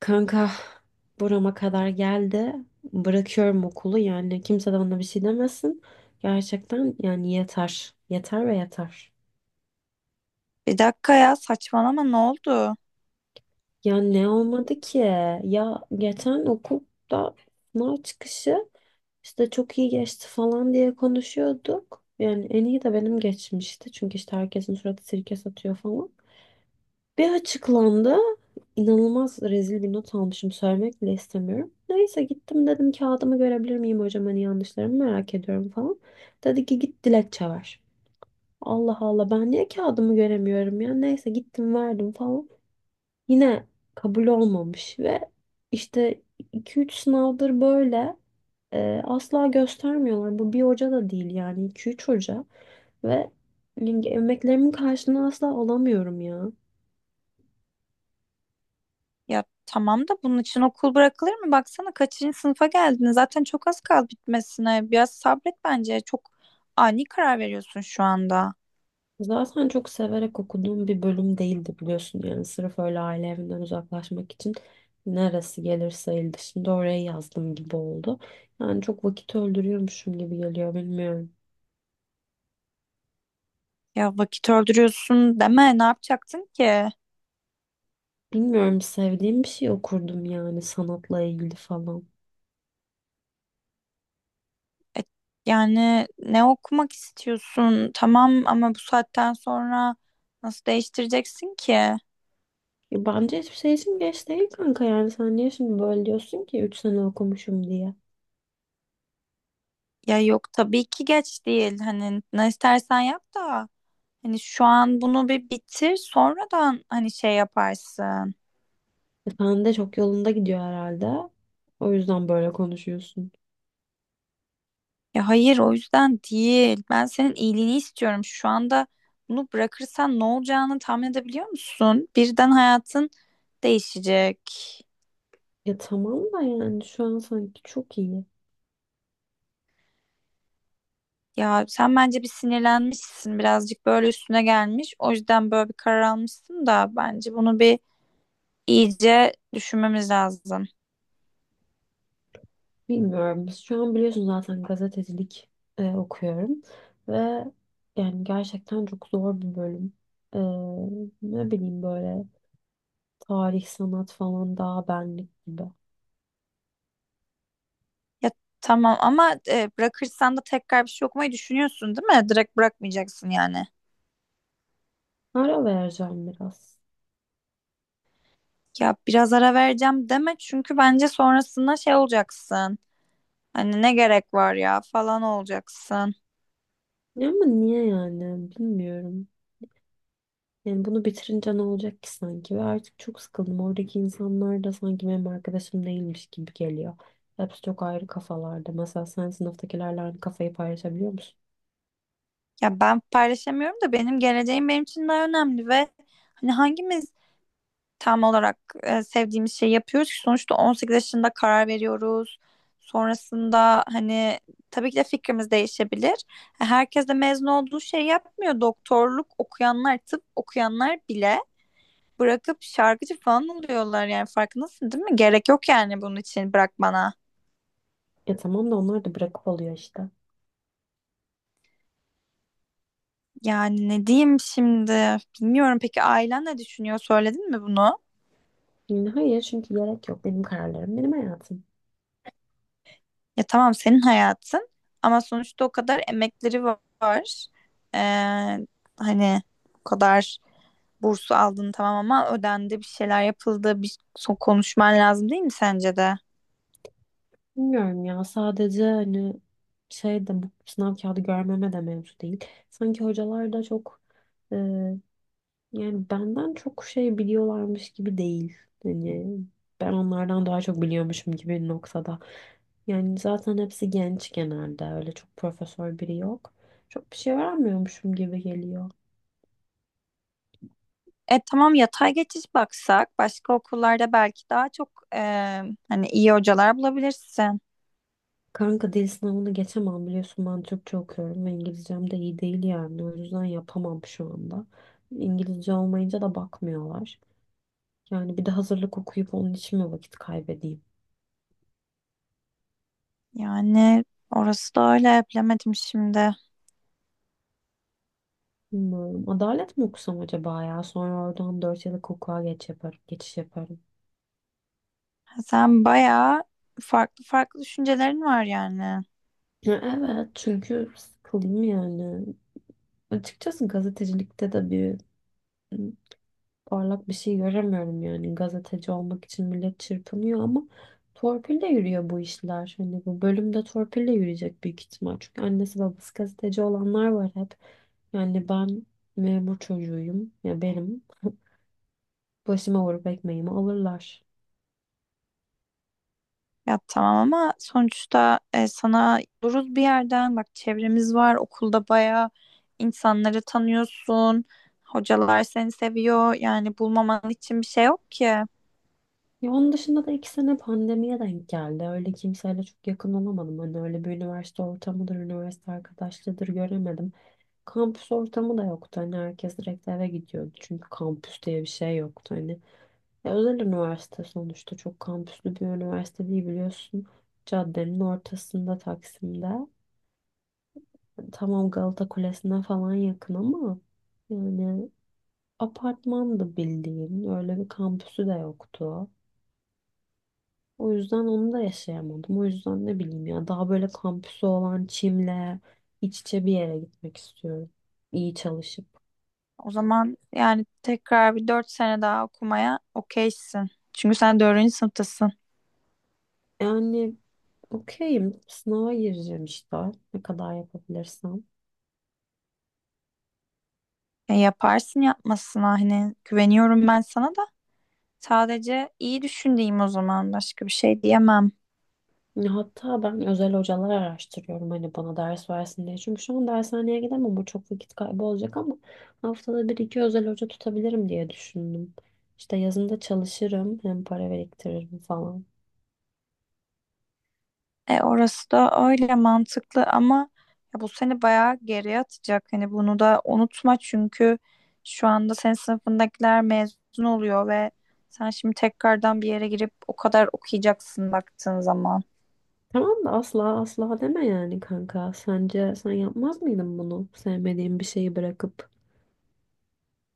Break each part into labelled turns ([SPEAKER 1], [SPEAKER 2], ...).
[SPEAKER 1] Kanka burama kadar geldi. Bırakıyorum okulu yani kimse de bana bir şey demesin. Gerçekten yani yeter. Yeter ve yeter.
[SPEAKER 2] Bir dakika ya, saçmalama, ne oldu?
[SPEAKER 1] Ya ne olmadı ki? Ya geçen okulda sınav çıkışı işte çok iyi geçti falan diye konuşuyorduk. Yani en iyi de benim geçmişti. Çünkü işte herkesin suratı sirke satıyor falan. Bir açıklandı. İnanılmaz rezil bir not almışım. Söylemek bile istemiyorum. Neyse gittim dedim kağıdımı görebilir miyim hocam, hani yanlışlarımı merak ediyorum falan. Dedi ki git dilekçe ver. Allah Allah ben niye kağıdımı göremiyorum ya. Neyse gittim verdim falan. Yine kabul olmamış ve işte 2 3 sınavdır böyle asla göstermiyorlar. Bu bir hoca da değil yani 2 3 hoca ve yani emeklerimin karşılığını asla alamıyorum ya.
[SPEAKER 2] Ya tamam da bunun için okul bırakılır mı? Baksana kaçıncı sınıfa geldin? Zaten çok az kaldı bitmesine. Biraz sabret bence. Çok ani karar veriyorsun şu anda.
[SPEAKER 1] Zaten çok severek okuduğum bir bölüm değildi biliyorsun yani sırf öyle aile evinden uzaklaşmak için neresi gelirse el dışında oraya yazdım gibi oldu. Yani çok vakit öldürüyormuşum gibi geliyor bilmiyorum.
[SPEAKER 2] Ya vakit öldürüyorsun deme. Ne yapacaktın ki?
[SPEAKER 1] Bilmiyorum, sevdiğim bir şey okurdum yani sanatla ilgili falan.
[SPEAKER 2] Yani ne okumak istiyorsun? Tamam ama bu saatten sonra nasıl değiştireceksin ki?
[SPEAKER 1] Bence hiçbir şey için geç değil kanka, yani sen niye şimdi böyle diyorsun ki 3 sene okumuşum diye.
[SPEAKER 2] Ya yok, tabii ki geç değil. Hani ne istersen yap da. Hani şu an bunu bir bitir, sonradan hani şey yaparsın.
[SPEAKER 1] Sen de çok yolunda gidiyor herhalde. O yüzden böyle konuşuyorsun.
[SPEAKER 2] Ya hayır, o yüzden değil. Ben senin iyiliğini istiyorum. Şu anda bunu bırakırsan ne olacağını tahmin edebiliyor musun? Birden hayatın değişecek.
[SPEAKER 1] Ya tamam da yani şu an sanki çok iyi.
[SPEAKER 2] Ya sen bence bir sinirlenmişsin, birazcık böyle üstüne gelmiş. O yüzden böyle bir karar almışsın da bence bunu bir iyice düşünmemiz lazım.
[SPEAKER 1] Bilmiyorum. Şu an biliyorsun zaten gazetecilik okuyorum ve yani gerçekten çok zor bir bölüm. E, ne bileyim böyle tarih, sanat falan daha benlik gibi.
[SPEAKER 2] Ya tamam ama bırakırsan da tekrar bir şey okumayı düşünüyorsun, değil mi? Direkt bırakmayacaksın yani.
[SPEAKER 1] Ara vereceğim biraz.
[SPEAKER 2] Ya biraz ara vereceğim deme, çünkü bence sonrasında şey olacaksın. Hani ne gerek var ya falan olacaksın.
[SPEAKER 1] Ya ama niye yani bilmiyorum. Yani bunu bitirince ne olacak ki sanki, ve artık çok sıkıldım. Oradaki insanlar da sanki benim arkadaşım değilmiş gibi geliyor. Hepsi çok ayrı kafalarda. Mesela sen sınıftakilerle aynı kafayı paylaşabiliyor musun?
[SPEAKER 2] Ya ben paylaşamıyorum da benim geleceğim benim için daha önemli ve hani hangimiz tam olarak sevdiğimiz şeyi yapıyoruz ki? Sonuçta 18 yaşında karar veriyoruz. Sonrasında hani tabii ki de fikrimiz değişebilir. Herkes de mezun olduğu şey yapmıyor. Doktorluk okuyanlar, tıp okuyanlar bile bırakıp şarkıcı falan oluyorlar, yani farkındasın değil mi? Gerek yok yani bunun için, bırak bana.
[SPEAKER 1] Ya tamam da onlar da bırakıp oluyor işte.
[SPEAKER 2] Yani ne diyeyim şimdi? Bilmiyorum, peki ailen ne düşünüyor? Söyledin mi bunu?
[SPEAKER 1] Yani hayır, çünkü gerek yok. Benim kararlarım, benim hayatım.
[SPEAKER 2] Ya tamam, senin hayatın ama sonuçta o kadar emekleri var. Ee, hani o kadar bursu aldın, tamam ama ödendi, bir şeyler yapıldı. Bir son konuşman lazım, değil mi sence de?
[SPEAKER 1] Bilmiyorum ya, sadece hani şey de bu sınav kağıdı görmeme de mevzu değil. Sanki hocalar da çok e, yani benden çok şey biliyorlarmış gibi değil. Hani ben onlardan daha çok biliyormuşum gibi bir noktada. Yani zaten hepsi genç, genelde öyle çok profesör biri yok. Çok bir şey öğrenmiyormuşum gibi geliyor.
[SPEAKER 2] E tamam, yatay geçiş baksak başka okullarda belki daha çok hani iyi hocalar bulabilirsin.
[SPEAKER 1] Kanka dil sınavını geçemem biliyorsun, ben Türkçe okuyorum ve İngilizcem de iyi değil yani o yüzden yapamam şu anda. İngilizce olmayınca da bakmıyorlar. Yani bir de hazırlık okuyup onun için mi vakit kaybedeyim?
[SPEAKER 2] Yani orası da öyle, bilemedim şimdi.
[SPEAKER 1] Bilmiyorum. Adalet mi okusam acaba ya? Sonra oradan 4 yıllık hukuka geç yaparım, geçiş yaparım.
[SPEAKER 2] Sen bayağı farklı farklı düşüncelerin var yani.
[SPEAKER 1] Ya evet çünkü sıkıldım yani. Açıkçası gazetecilikte de bir parlak bir şey göremiyorum, yani gazeteci olmak için millet çırpınıyor ama torpille yürüyor bu işler. Hani bu bölümde torpille yürüyecek büyük ihtimal. Çünkü annesi babası gazeteci olanlar var hep. Yani ben memur çocuğuyum ya, benim başıma vurup ekmeğimi alırlar.
[SPEAKER 2] Ya tamam ama sonuçta sana duruz bir yerden. Bak, çevremiz var. Okulda bayağı insanları tanıyorsun. Hocalar seni seviyor. Yani bulmaman için bir şey yok ki.
[SPEAKER 1] Ya onun dışında da 2 sene pandemiye denk geldi. Öyle kimseyle çok yakın olamadım. Hani öyle bir üniversite ortamıdır, üniversite arkadaşlığıdır göremedim. Kampüs ortamı da yoktu. Hani herkes direkt eve gidiyordu. Çünkü kampüs diye bir şey yoktu. Hani ya özel üniversite sonuçta, çok kampüslü bir üniversite değil biliyorsun. Caddenin ortasında Taksim'de. Tamam Galata Kulesi'ne falan yakın ama yani apartmandı bildiğin. Öyle bir kampüsü de yoktu. O yüzden onu da yaşayamadım. O yüzden ne bileyim ya, daha böyle kampüsü olan Çim'le iç içe bir yere gitmek istiyorum. İyi çalışıp.
[SPEAKER 2] O zaman yani tekrar bir dört sene daha okumaya okeysin. Çünkü sen dördüncü sınıftasın.
[SPEAKER 1] Yani okeyim. Sınava gireceğim işte. Ne kadar yapabilirsem.
[SPEAKER 2] Yaparsın yapmasına, hani güveniyorum ben sana da. Sadece iyi düşündüğüm, o zaman başka bir şey diyemem.
[SPEAKER 1] Ya hatta ben özel hocalar araştırıyorum hani bana ders versin diye. Çünkü şu an dershaneye gidemem, bu çok vakit kaybı olacak ama haftada 1 2 özel hoca tutabilirim diye düşündüm. İşte yazında çalışırım, hem para biriktiririm falan.
[SPEAKER 2] E orası da öyle mantıklı ama ya bu seni bayağı geriye atacak. Hani bunu da unutma çünkü şu anda senin sınıfındakiler mezun oluyor ve sen şimdi tekrardan bir yere girip o kadar okuyacaksın baktığın zaman.
[SPEAKER 1] Tamam da asla asla deme yani kanka. Sence sen yapmaz mıydın bunu? Sevmediğin bir şeyi bırakıp.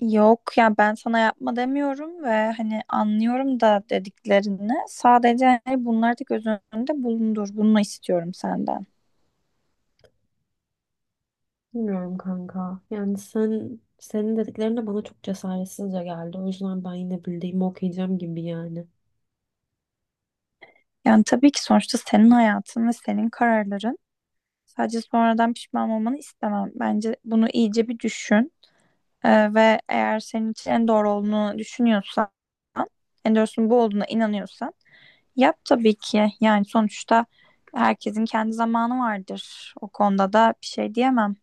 [SPEAKER 2] Yok ya, ben sana yapma demiyorum ve hani anlıyorum da dediklerini. Sadece hani bunları da göz önünde bulundur. Bunu istiyorum senden.
[SPEAKER 1] Bilmiyorum kanka. Yani senin dediklerin de bana çok cesaretsizce geldi. O yüzden ben yine bildiğimi okuyacağım gibi yani.
[SPEAKER 2] Yani tabii ki sonuçta senin hayatın ve senin kararların. Sadece sonradan pişman olmanı istemem. Bence bunu iyice bir düşün. Ve eğer senin için en doğru olduğunu düşünüyorsan, en doğrusunun bu olduğuna inanıyorsan yap tabii ki. Yani sonuçta herkesin kendi zamanı vardır. O konuda da bir şey diyemem.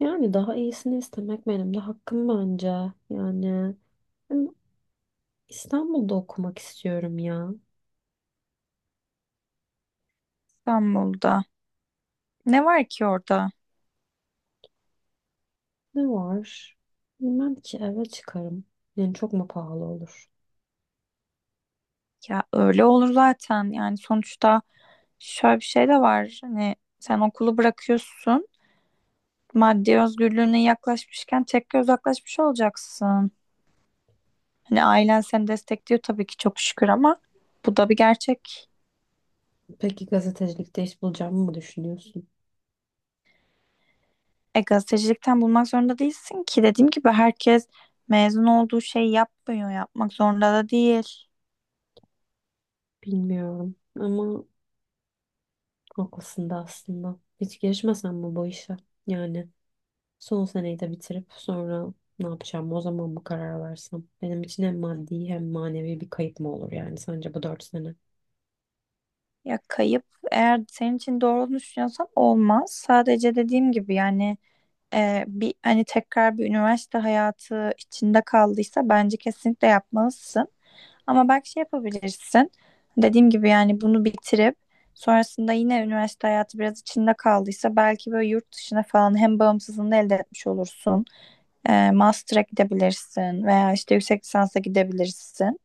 [SPEAKER 1] Yani daha iyisini istemek benim de hakkım bence. Yani ben İstanbul'da okumak istiyorum ya.
[SPEAKER 2] İstanbul'da. Ne var ki orada?
[SPEAKER 1] Ne var? Bilmem ki, eve çıkarım. Yani çok mu pahalı olur?
[SPEAKER 2] Ya öyle olur zaten. Yani sonuçta şöyle bir şey de var. Hani sen okulu bırakıyorsun, maddi özgürlüğüne yaklaşmışken tekrar uzaklaşmış olacaksın. Hani ailen seni destekliyor tabii ki, çok şükür, ama bu da bir gerçek.
[SPEAKER 1] Peki gazetecilikte iş bulacağımı mı düşünüyorsun?
[SPEAKER 2] E gazetecilikten bulmak zorunda değilsin ki. Dediğim gibi herkes mezun olduğu şeyi yapmıyor, yapmak zorunda da değil.
[SPEAKER 1] Bilmiyorum ama haklısın da aslında. Hiç girişmesem mi bu işe? Yani son seneyi de bitirip sonra ne yapacağım o zaman mı karar versem? Benim için hem maddi hem manevi bir kayıp mı olur yani sence bu 4 sene?
[SPEAKER 2] Ya kayıp, eğer senin için doğru olduğunu düşünüyorsan olmaz. Sadece dediğim gibi yani bir hani tekrar bir üniversite hayatı içinde kaldıysa bence kesinlikle yapmalısın. Ama belki şey yapabilirsin. Dediğim gibi yani bunu bitirip sonrasında yine üniversite hayatı biraz içinde kaldıysa belki böyle yurt dışına falan hem bağımsızlığını elde etmiş olursun. Master'a gidebilirsin veya işte yüksek lisansa gidebilirsin.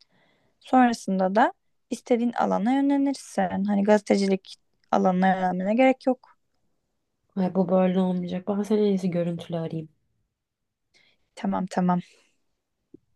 [SPEAKER 2] Sonrasında da istediğin alana yönlenirsin. Hani gazetecilik alanına yönelmene gerek yok.
[SPEAKER 1] Ay bu böyle olmayacak. Ben seni en iyisi görüntülü arayayım.
[SPEAKER 2] Tamam, tamam.